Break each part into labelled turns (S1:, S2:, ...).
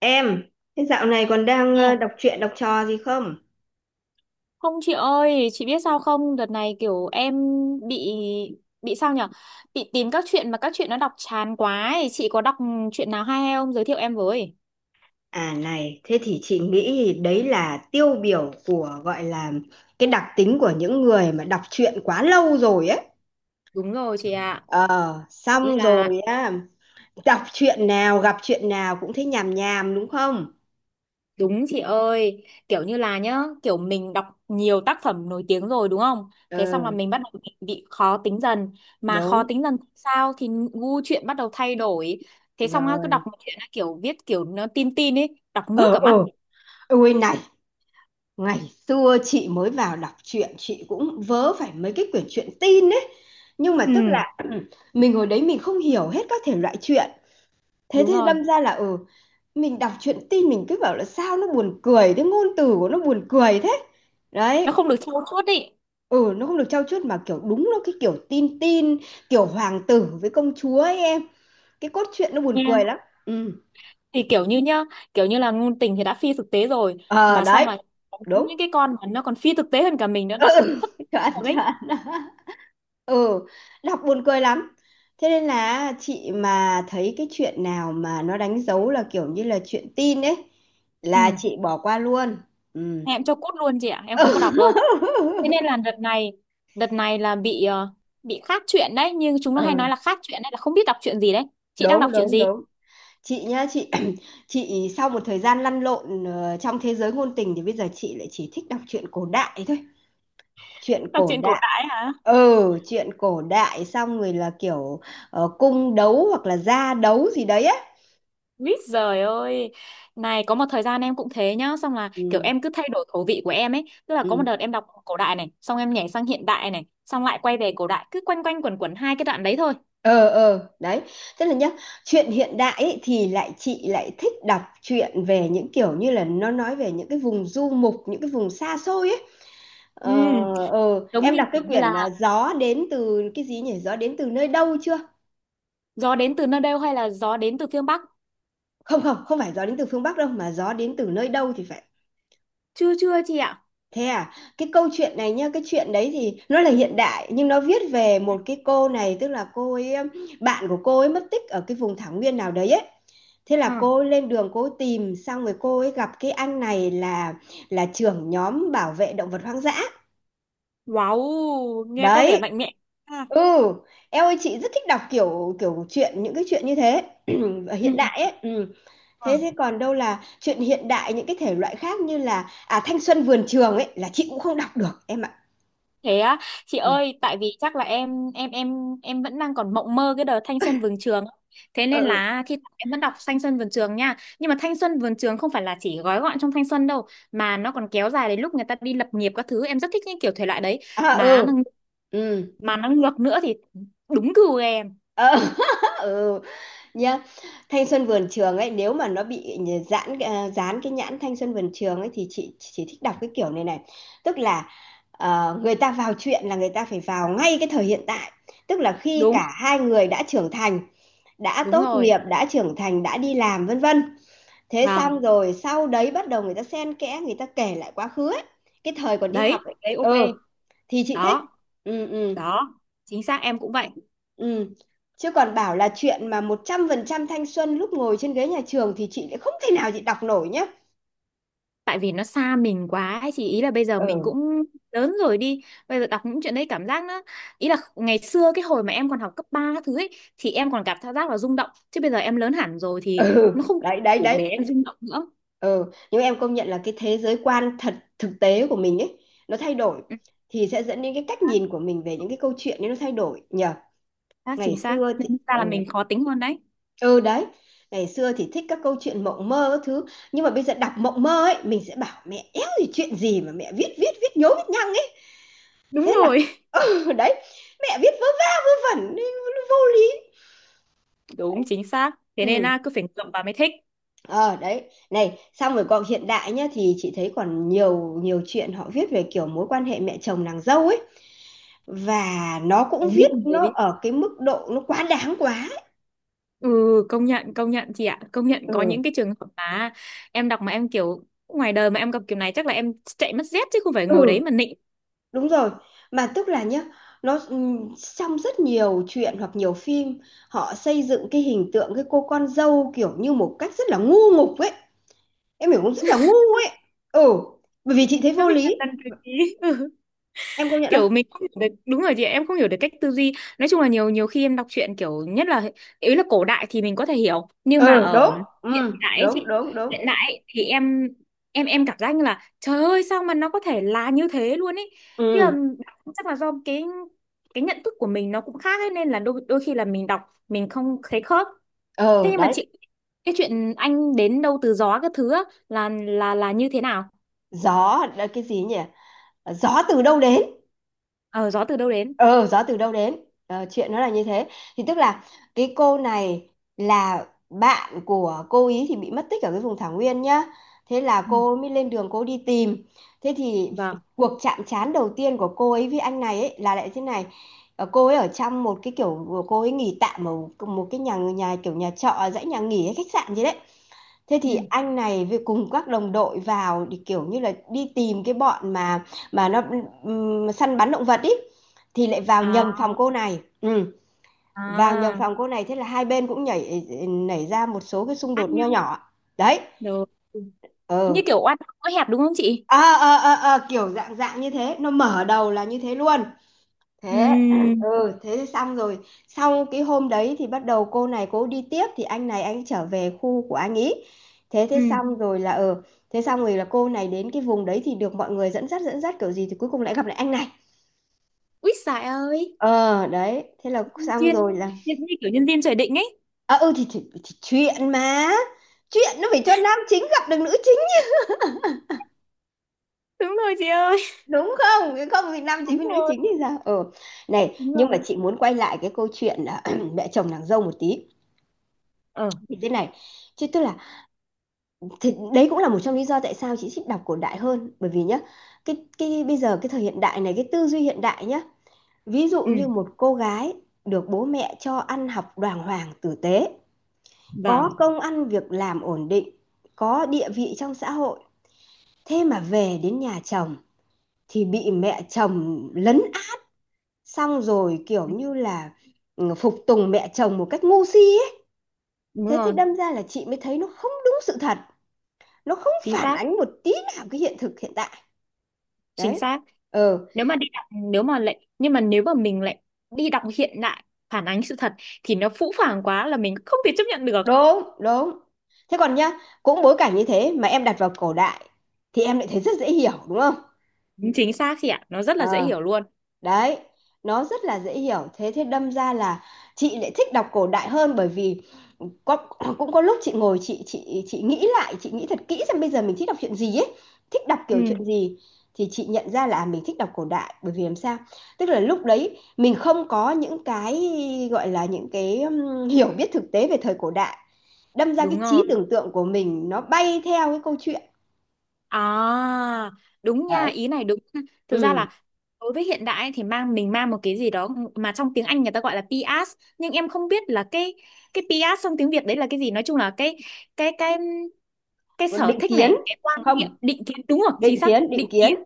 S1: Em, thế dạo này còn đang
S2: Nè,
S1: đọc truyện đọc trò gì không?
S2: không chị ơi, chị biết sao không? Đợt này kiểu em bị bị sao nhở? Bị tìm các chuyện mà các chuyện nó đọc chán quá ấy. Chị có đọc chuyện nào hay hay không? Giới thiệu em với.
S1: À này, thế thì chị nghĩ đấy là tiêu biểu của gọi là cái đặc tính của những người mà đọc truyện quá lâu rồi ấy.
S2: Đúng rồi chị ạ.
S1: Ờ,
S2: Kiểu như
S1: xong
S2: là
S1: rồi á, đọc truyện nào gặp chuyện nào cũng thấy nhàm nhàm đúng không?
S2: đúng chị ơi, kiểu như là nhá, kiểu mình đọc nhiều tác phẩm nổi tiếng rồi đúng không? Thế xong là
S1: Ừ,
S2: mình bắt đầu bị khó tính dần, mà khó
S1: đúng,
S2: tính dần thì sao thì gu chuyện bắt đầu thay đổi. Thế xong á, cứ đọc
S1: rồi.
S2: một chuyện á, kiểu viết kiểu nó tin tin ấy, đọc ngước
S1: Ờ,
S2: cả mắt.
S1: ờ, ôi này, ngày xưa chị mới vào đọc truyện, chị cũng vớ phải mấy cái quyển truyện tin ấy. Nhưng mà tức
S2: Ừ.
S1: là mình hồi đấy mình không hiểu hết các thể loại truyện. Thế
S2: Đúng
S1: thì
S2: rồi.
S1: đâm ra là, mình đọc truyện tin mình cứ bảo là sao nó buồn cười, cái ngôn từ của nó buồn cười thế. Đấy,
S2: Nó không được trau chuốt ý
S1: ừ, nó không được trau chuốt mà kiểu đúng nó cái kiểu tin tin, kiểu hoàng tử với công chúa ấy em. Cái cốt truyện nó buồn
S2: nha,
S1: cười lắm. Ừ,
S2: thì kiểu như nhá, kiểu như là ngôn tình thì đã phi thực tế rồi,
S1: ờ,
S2: mà xong
S1: đấy,
S2: là có
S1: đúng.
S2: những cái con mà nó còn phi thực tế hơn cả mình nó
S1: Ừ,
S2: đọc thất
S1: chuẩn,
S2: rồi đấy.
S1: chuẩn. Ừ, đọc buồn cười lắm. Thế nên là chị mà thấy cái chuyện nào mà nó đánh dấu là kiểu như là chuyện tin ấy là
S2: Ừ.
S1: chị bỏ qua luôn. Ừ.
S2: Em cho cút luôn chị ạ, em không có đọc đâu. Thế nên là đợt này, đợt này là bị ờ, bị khác chuyện đấy, nhưng chúng nó hay
S1: Ờ,
S2: nói là khác chuyện đấy là không biết đọc chuyện gì đấy. Chị đang
S1: đúng,
S2: đọc chuyện
S1: đúng,
S2: gì?
S1: đúng. Chị nhá, chị chị sau một thời gian lăn lộn trong thế giới ngôn tình thì bây giờ chị lại chỉ thích đọc truyện cổ đại thôi. Truyện
S2: Đọc
S1: cổ
S2: chuyện cổ
S1: đại.
S2: đại hả?
S1: Ừ, truyện cổ đại xong rồi là kiểu cung đấu hoặc là gia đấu gì đấy á.
S2: Mít giời ơi. Này có một thời gian em cũng thế nhá. Xong là kiểu
S1: Ừ,
S2: em cứ thay đổi khẩu vị của em ấy. Tức là có một
S1: ừ.
S2: đợt em đọc cổ đại này, xong em nhảy sang hiện đại này, xong lại quay về cổ đại. Cứ quanh quanh quẩn quẩn hai cái đoạn đấy thôi.
S1: Ờ, ờ, đấy. Tức là nhá, chuyện hiện đại ấy, thì lại chị lại thích đọc truyện về những kiểu như là nó nói về những cái vùng du mục, những cái vùng xa xôi ấy. Ờ,
S2: Ừ,
S1: ờ,
S2: giống
S1: em
S2: như
S1: đọc cái
S2: kiểu như là
S1: quyển Gió đến từ cái gì nhỉ? Gió đến từ nơi đâu chưa?
S2: gió đến từ nơi đâu hay là gió đến từ phương Bắc?
S1: Không không, không phải gió đến từ phương Bắc đâu mà gió đến từ nơi đâu thì phải.
S2: Chưa chưa chị ạ.
S1: Thế à? Cái câu chuyện này nhá, cái chuyện đấy thì nó là hiện đại nhưng nó viết về một cái cô này, tức là cô ấy bạn của cô ấy mất tích ở cái vùng thảo nguyên nào đấy ấy. Thế là cô
S2: À.
S1: ấy lên đường cô ấy tìm, xong rồi cô ấy gặp cái anh này là trưởng nhóm bảo vệ động vật hoang dã.
S2: Wow, nghe có vẻ
S1: Đấy,
S2: mạnh mẽ. À.
S1: ừ, em ơi chị rất thích đọc kiểu kiểu chuyện, những cái chuyện như thế ở hiện đại ấy. Ừ. Thế thế
S2: Ừ.
S1: còn đâu là chuyện hiện đại những cái thể loại khác như là Thanh Xuân Vườn Trường ấy là chị cũng không đọc được em ạ.
S2: Thế á, chị
S1: Ừ.
S2: ơi, tại vì chắc là em em vẫn đang còn mộng mơ cái đợt thanh xuân vườn trường. Thế
S1: Ừ.
S2: nên
S1: Ừ.
S2: là thi thoảng em vẫn đọc thanh xuân vườn trường nha. Nhưng mà thanh xuân vườn trường không phải là chỉ gói gọn trong thanh xuân đâu, mà nó còn kéo dài đến lúc người ta đi lập nghiệp các thứ. Em rất thích những kiểu thể loại đấy.
S1: À,
S2: Mà nó,
S1: ừ. Ừ.
S2: mà nó ngược nữa thì đúng gu em.
S1: Ờ, ừ nhá. Thanh Xuân Vườn Trường ấy nếu mà nó bị dán cái nhãn Thanh Xuân Vườn Trường ấy thì chị chỉ thích đọc cái kiểu này này. Tức là người ta vào chuyện là người ta phải vào ngay cái thời hiện tại. Tức là khi
S2: Đúng,
S1: cả hai người đã
S2: đúng
S1: tốt
S2: rồi.
S1: nghiệp, đã trưởng thành, đã đi làm, vân vân. Thế xong
S2: Vâng,
S1: rồi sau đấy bắt đầu người ta xen kẽ, người ta kể lại quá khứ ấy. Cái thời còn đi học
S2: đấy,
S1: ấy.
S2: đấy ok.
S1: Ừ, thì chị thích.
S2: Đó,
S1: Ừ, ừ,
S2: đó. Chính xác em cũng vậy.
S1: ừ. Chứ còn bảo là chuyện mà 100% thanh xuân lúc ngồi trên ghế nhà trường thì chị lại không thể nào chị đọc nổi nhá.
S2: Tại vì nó xa mình quá ấy chị, ý là bây giờ mình
S1: Ừ,
S2: cũng lớn rồi đi, bây giờ đọc những chuyện đấy cảm giác nó, ý là ngày xưa cái hồi mà em còn học cấp 3 các thứ ấy thì em còn cảm giác là rung động, chứ bây giờ em lớn hẳn rồi thì
S1: ừ,
S2: nó không
S1: đấy, đấy,
S2: đủ
S1: đấy.
S2: để em rung động nữa.
S1: Ừ, nhưng em công nhận là cái thế giới quan thật thực tế của mình ấy, nó thay đổi.
S2: Ừ,
S1: Thì sẽ dẫn đến cái cách
S2: xác
S1: nhìn của mình về những cái câu chuyện ấy nó thay đổi nhờ.
S2: xác,
S1: Ngày
S2: chính xác
S1: xưa thì,
S2: nên ra là
S1: ừ.
S2: mình khó tính hơn đấy.
S1: Ừ, đấy. Ngày xưa thì thích các câu chuyện mộng mơ các thứ. Nhưng mà bây giờ đọc mộng mơ ấy, mình sẽ bảo mẹ éo gì chuyện gì mà mẹ viết viết viết nhố viết nhăng ấy.
S2: Đúng
S1: Thế là
S2: rồi.
S1: ừ, đấy. Mẹ viết vớ va vớ vẩn. Vô lý
S2: Đúng
S1: đấy.
S2: chính xác. Thế nên
S1: Ừ.
S2: là cứ phải ngậm vào mới thích.
S1: Ờ, đấy. Này xong rồi còn hiện đại nhá. Thì chị thấy còn nhiều nhiều chuyện họ viết về kiểu mối quan hệ mẹ chồng nàng dâu ấy. Và nó
S2: Ừ,
S1: cũng
S2: như
S1: viết
S2: con
S1: nó
S2: mới.
S1: ở cái mức độ nó quá đáng quá ấy.
S2: Ừ, công nhận chị ạ, công nhận có
S1: Ừ.
S2: những cái trường hợp mà em đọc mà em kiểu ngoài đời mà em gặp kiểu này chắc là em chạy mất dép chứ không phải ngồi đấy
S1: Ừ.
S2: mà nịnh.
S1: Đúng rồi, mà tức là nhá, nó trong rất nhiều chuyện hoặc nhiều phim họ xây dựng cái hình tượng cái cô con dâu kiểu như một cách rất là ngu ngục ấy. Em hiểu không? Rất là ngu ấy. Ừ, bởi vì chị thấy
S2: Nó
S1: vô
S2: bị
S1: lý.
S2: đần đần trí.
S1: Em công nhận
S2: Kiểu
S1: không?
S2: mình không hiểu được, đúng rồi chị ạ, em không hiểu được cách tư duy. Nói chung là nhiều nhiều khi em đọc truyện kiểu nhất là, ý là cổ đại thì mình có thể hiểu, nhưng mà
S1: Ừ,
S2: ở
S1: đúng. Ừ,
S2: hiện đại ấy
S1: đúng,
S2: chị,
S1: đúng, đúng.
S2: hiện đại ấy, thì em cảm giác như là trời ơi sao mà nó có thể là như thế luôn ấy, nhưng mà
S1: Ừ,
S2: chắc là do cái nhận thức của mình nó cũng khác ấy, nên là đôi đôi khi là mình đọc mình không thấy khớp. Thế
S1: ờ
S2: nhưng mà
S1: đấy,
S2: chị, cái chuyện anh đến đâu từ gió các thứ á, là như thế nào?
S1: gió là cái gì nhỉ? Gió từ đâu đến?
S2: Ờ gió từ đâu đến.
S1: Ờ Gió từ đâu đến. Ờ, chuyện nó là như thế, thì tức là cái cô này là bạn của cô ý thì bị mất tích ở cái vùng thảo nguyên nhá, thế là
S2: Ừ.
S1: cô mới lên đường cô đi tìm. Thế thì
S2: Vâng.
S1: cuộc chạm trán đầu tiên của cô ấy với anh này ấy là lại thế này. Ờ, cô ấy ở trong một cái kiểu cô ấy nghỉ tạm ở một cái nhà nhà kiểu nhà trọ dãy nhà nghỉ hay khách sạn gì đấy. Thế thì
S2: Ừ.
S1: anh này với cùng các đồng đội vào thì kiểu như là đi tìm cái bọn mà nó săn bắn động vật ý, thì lại vào
S2: À.
S1: nhầm phòng cô này. Ừ, vào nhầm
S2: À.
S1: phòng cô này thế là hai bên cũng nảy ra một số cái xung
S2: Bắt
S1: đột nho
S2: nhau.
S1: nhỏ. Đấy.
S2: Rồi. Như
S1: Ừ.
S2: kiểu oan có hẹp đúng không chị?
S1: Ờ ờ ờ ờ, kiểu dạng dạng như thế, nó mở đầu là như thế luôn.
S2: Ừ.
S1: Thế ừ thế thì xong rồi, sau cái hôm đấy thì bắt đầu cô này cô đi tiếp, thì anh này anh trở về khu của anh ý. Thế thế
S2: Ừ.
S1: xong rồi là thế xong rồi là cô này đến cái vùng đấy thì được mọi người dẫn dắt kiểu gì thì cuối cùng lại gặp lại anh này.
S2: Úi giời ơi.
S1: Ờ đấy, thế là xong
S2: Duyên,
S1: rồi là
S2: duyên như kiểu nhân viên trời định ấy.
S1: à, ừ thì, chuyện nó phải cho nam chính gặp được nữ chính
S2: Đúng rồi chị ơi.
S1: đúng không? Nếu không thì nam chính
S2: Đúng
S1: với nữ
S2: rồi,
S1: chính thì sao này
S2: đúng
S1: nhưng mà
S2: rồi.
S1: chị muốn quay lại cái câu chuyện là mẹ chồng nàng dâu một tí,
S2: Ờ.
S1: thì thế này, chứ tức là thì đấy cũng là một trong lý do tại sao chị thích đọc cổ đại hơn, bởi vì nhá, cái bây giờ cái thời hiện đại này cái tư duy hiện đại nhá, ví dụ như
S2: Ừ.
S1: một cô gái được bố mẹ cho ăn học đàng hoàng tử tế,
S2: Vâng.
S1: có công ăn việc làm ổn định, có địa vị trong xã hội, thế mà về đến nhà chồng thì bị mẹ chồng lấn át, xong rồi kiểu như là phục tùng mẹ chồng một cách ngu si ấy.
S2: Đúng
S1: Thế thì
S2: rồi.
S1: đâm ra là chị mới thấy nó không đúng sự thật, nó không
S2: Chính
S1: phản
S2: xác.
S1: ánh một tí nào cái hiện thực hiện tại.
S2: Chính
S1: Đấy.
S2: xác.
S1: Ừ,
S2: Nếu mà đi đọc, nếu mà lại, nhưng mà nếu mà mình lại đi đọc hiện đại phản ánh sự thật thì nó phũ phàng quá là mình không thể chấp nhận được.
S1: đúng, đúng. Thế còn nhá, cũng bối cảnh như thế mà em đặt vào cổ đại thì em lại thấy rất dễ hiểu đúng không?
S2: Chính xác chị ạ. Nó rất là dễ
S1: Ờ.
S2: hiểu luôn.
S1: Đấy, nó rất là dễ hiểu, thế thế đâm ra là chị lại thích đọc cổ đại hơn, bởi vì có, cũng có lúc chị ngồi chị nghĩ lại, chị nghĩ thật kỹ xem bây giờ mình thích đọc chuyện gì ấy, thích đọc
S2: Ừ.
S1: kiểu chuyện gì. Thì chị nhận ra là à, mình thích đọc cổ đại bởi vì làm sao, tức là lúc đấy mình không có những cái gọi là những cái hiểu biết thực tế về thời cổ đại, đâm ra cái
S2: Đúng rồi.
S1: trí tưởng tượng của mình nó bay theo cái câu chuyện.
S2: À, đúng nha,
S1: Đấy.
S2: ý này đúng nha. Thực ra
S1: Ừ.
S2: là đối với hiện đại ấy, thì mang mình mang một cái gì đó mà trong tiếng Anh người ta gọi là PS, nhưng em không biết là cái PS trong tiếng Việt đấy là cái gì. Nói chung là cái cái
S1: Còn
S2: sở
S1: định
S2: thích
S1: kiến
S2: này, cái quan niệm,
S1: không?
S2: định kiến đúng không?
S1: Định
S2: Chính xác,
S1: kiến, định
S2: định
S1: kiến.
S2: kiến,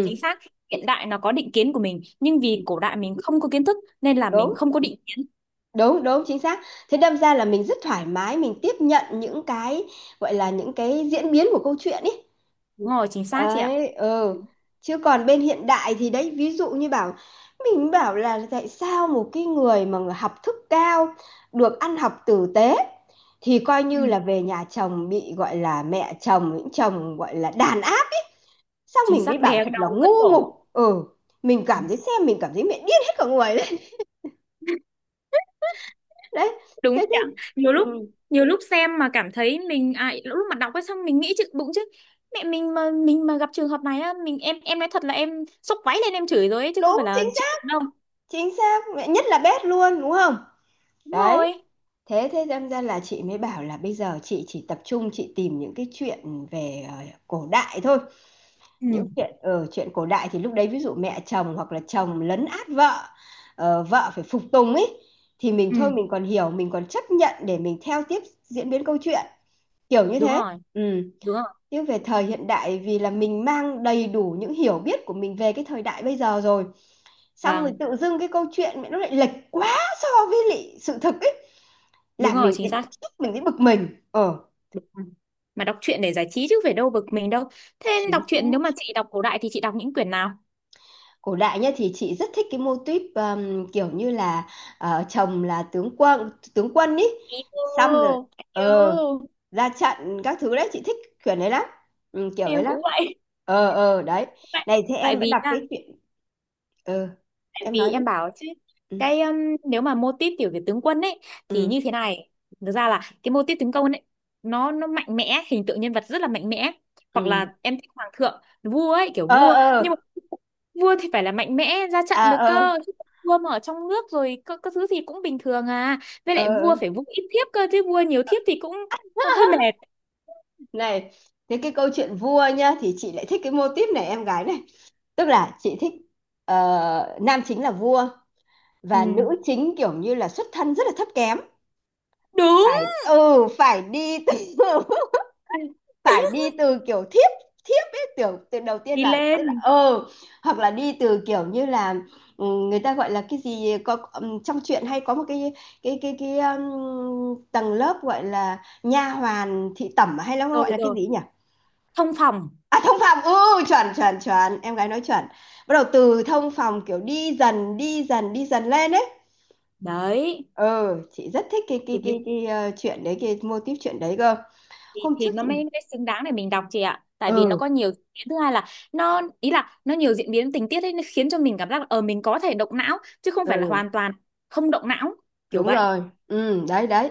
S2: chính xác. Hiện đại nó có định kiến của mình, nhưng vì cổ đại mình không có kiến thức nên là mình
S1: đúng,
S2: không có định kiến.
S1: đúng, đúng, chính xác. Thế đâm ra là mình rất thoải mái mình tiếp nhận những cái gọi là những cái diễn biến của câu chuyện ấy
S2: Đúng rồi, chính xác chị ạ.
S1: ấy. Ừ, chứ còn bên hiện đại thì đấy, ví dụ như bảo, mình bảo là tại sao một cái người mà người học thức cao, được ăn học tử tế, thì coi
S2: Ừ,
S1: như là về nhà chồng bị gọi là mẹ chồng những chồng gọi là đàn áp, xong
S2: chính
S1: mình mới
S2: xác,
S1: bảo
S2: đè
S1: thật là
S2: đầu cất
S1: ngu
S2: cổ.
S1: ngục. Ừ, mình cảm thấy xem mình cảm thấy mẹ điên hết cả người. Đấy.
S2: Đúng nhỉ.
S1: Thế thế
S2: nhiều lúc
S1: ừ,
S2: nhiều lúc xem mà cảm thấy mình à, lúc mà đọc ấy xong mình nghĩ chứ bụng chứ mẹ mình mà gặp trường hợp này á mình, em nói thật là em xốc váy lên em chửi rồi ấy chứ không
S1: đúng
S2: phải là
S1: chính
S2: chịu
S1: xác,
S2: đựng đâu.
S1: chính xác mẹ nhất là bếp luôn đúng không?
S2: Đúng
S1: Đấy.
S2: rồi.
S1: Thế thế đâm ra là chị mới bảo là bây giờ chị chỉ tập trung chị tìm những cái chuyện về cổ đại thôi. Những
S2: Ừ.
S1: chuyện ở Chuyện cổ đại thì lúc đấy ví dụ mẹ chồng hoặc là chồng lấn át vợ, vợ phải phục tùng ấy, thì mình thôi
S2: Ừ
S1: mình còn hiểu, mình còn chấp nhận để mình theo tiếp diễn biến câu chuyện, kiểu như
S2: đúng
S1: thế.
S2: rồi.
S1: Ừ.
S2: Đúng rồi.
S1: Nhưng về thời hiện đại, vì là mình mang đầy đủ những hiểu biết của mình về cái thời đại bây giờ rồi, xong rồi
S2: Vâng.
S1: tự dưng cái câu chuyện mẹ nó lại lệch quá so với lại sự thực ấy, là
S2: Đúng rồi
S1: mình
S2: chính
S1: thấy bức
S2: xác.
S1: xúc, mình thấy bực mình. Ờ
S2: Ừ. Mà đọc truyện để giải trí chứ phải đâu bực mình đâu. Thế
S1: Chính
S2: đọc truyện
S1: xác.
S2: nếu mà chị đọc cổ đại thì chị đọc những quyển nào?
S1: Cổ đại nhá, thì chị rất thích cái mô típ kiểu như là chồng là tướng quân, tướng quân ý.
S2: Ý
S1: Xong rồi ờ
S2: yêu,
S1: ra trận các thứ, đấy chị thích kiểu đấy lắm. Ừ, kiểu đấy
S2: em
S1: lắm.
S2: cũng vậy.
S1: Ờ ờ, đấy.
S2: tại
S1: Này, thế
S2: tại
S1: em đã
S2: vì
S1: đọc
S2: nha,
S1: cái chuyện ờ
S2: tại
S1: em
S2: vì
S1: nói đi.
S2: em bảo chứ
S1: Ừ.
S2: cái nếu mà mô típ kiểu về tướng quân ấy thì
S1: Ừ.
S2: như thế này, thực ra là cái mô típ tướng quân ấy nó mạnh mẽ, hình tượng nhân vật rất là mạnh mẽ. Hoặc
S1: Ừ.
S2: là em thích hoàng thượng vua ấy, kiểu
S1: Ờ
S2: vua nhưng
S1: ờ.
S2: mà vua thì phải là mạnh mẽ ra trận
S1: À
S2: được
S1: ờ.
S2: cơ. Chứ vua mà ở trong nước rồi các thứ gì cũng bình thường à. Với
S1: Ờ
S2: lại vua
S1: ờ.
S2: phải vung ít thiếp cơ, chứ vua nhiều thiếp thì cũng hơi mệt.
S1: Này, thế cái câu chuyện vua nhá, thì chị lại thích cái mô típ này em gái này. Tức là chị thích, nam chính là vua, và
S2: Ừ.
S1: nữ chính kiểu như là xuất thân rất là thấp kém.
S2: Đúng.
S1: Phải, ừ, phải đi từ phải đi từ kiểu thiếp, thiếp ấy, kiểu từ đầu tiên
S2: Đi
S1: là tức là
S2: lên.
S1: ừ, hoặc là đi từ kiểu như là ừ, người ta gọi là cái gì có trong truyện hay có một cái cái tầng lớp gọi là nha hoàn thị tẩm, hay là nó
S2: Rồi
S1: gọi là cái
S2: rồi.
S1: gì nhỉ.
S2: Thông phòng.
S1: À, thông phòng, ừ, chuẩn chuẩn chuẩn, em gái nói chuẩn. Bắt đầu từ thông phòng, kiểu đi dần đi dần đi dần lên ấy.
S2: Đấy
S1: Ừ, chị rất thích cái
S2: thì
S1: cái
S2: cái,
S1: cái cái chuyện đấy, cái mô típ chuyện đấy cơ. Hôm trước
S2: thì nó
S1: chị,
S2: mới mới xứng đáng để mình đọc chị ạ, tại vì nó
S1: ừ,
S2: có nhiều diễn biến. Thứ hai là nó, ý là nó nhiều diễn biến tình tiết ấy nó khiến cho mình cảm giác là ờ mình có thể động não chứ không phải là
S1: ừ,
S2: hoàn toàn không động não, kiểu
S1: đúng
S2: vậy.
S1: rồi, ừ, đấy đấy.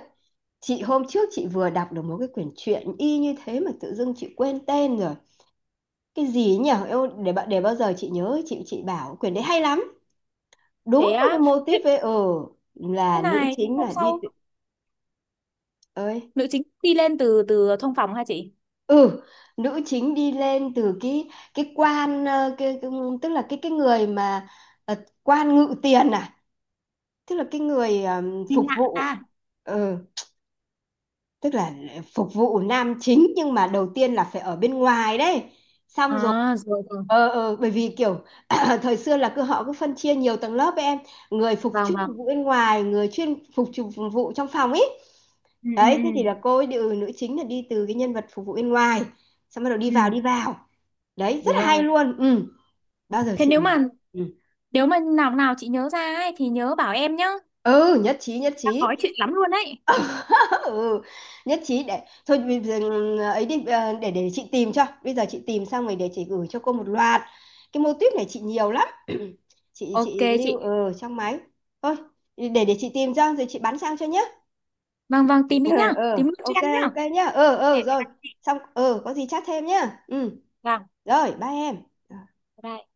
S1: Chị hôm trước chị vừa đọc được một cái quyển truyện y như thế mà tự dưng chị quên tên rồi. Cái gì ấy nhỉ? Eo, để bạn, để bao giờ chị nhớ, chị bảo quyển đấy hay lắm, đúng
S2: Thế
S1: với cái
S2: á,
S1: mô
S2: thế,
S1: típ ấy. Ừ,
S2: thế
S1: là nữ
S2: này thế
S1: chính
S2: hôm
S1: là
S2: sau,
S1: Ơi,
S2: nữ chính đi lên từ từ thông phòng hả chị?
S1: ừ, nữ chính đi lên từ cái quan tức là cái người mà ờ, quan ngự tiền, à, tức là cái người
S2: Đi
S1: phục
S2: lại
S1: vụ.
S2: à?
S1: Ừ, tức là phục vụ nam chính, nhưng mà đầu tiên là phải ở bên ngoài đấy. Xong rồi
S2: À rồi rồi.
S1: ờ ờ, bởi vì kiểu thời xưa là cứ họ cứ phân chia nhiều tầng lớp ấy em. Người phục
S2: Vâng
S1: chuyên
S2: vâng.
S1: phục vụ bên ngoài, người chuyên phục phục vụ trong phòng ấy.
S2: Ừ, ừ,
S1: Đấy,
S2: ừ,
S1: thế thì là cô ấy ừ, nữ chính là đi từ cái nhân vật phục vụ bên ngoài, xong bắt đầu đi
S2: ừ,
S1: vào, đi vào. Đấy rất
S2: đúng
S1: là hay
S2: rồi.
S1: luôn. Ừ, bao giờ
S2: Thế
S1: chị
S2: nếu
S1: mình,
S2: mà,
S1: ừ,
S2: nếu mà nào nào chị nhớ ra ấy, thì nhớ bảo em nhá.
S1: ừ, nhất trí nhất
S2: Đang nói
S1: trí.
S2: chuyện lắm luôn đấy.
S1: Ừ, nhất trí. Để thôi, bây giờ ừ, ấy đi, để chị tìm cho, bây giờ chị tìm xong rồi để chị gửi cho cô một loạt. Cái mô típ này chị nhiều lắm. chị
S2: Ok
S1: chị lưu
S2: chị.
S1: ở trong máy. Thôi, để chị tìm cho rồi chị bán sang cho nhé.
S2: Vâng vâng, tìm đi
S1: Ờ
S2: nhá.
S1: ờ,
S2: Tìm cho
S1: ok
S2: em nhá.
S1: ok nhá, ờ ừ, ờ ừ,
S2: Ok.
S1: rồi. Xong ờ, có gì chat thêm nhá. Ừ.
S2: Vâng.
S1: Rồi, ba em.
S2: Bye bye.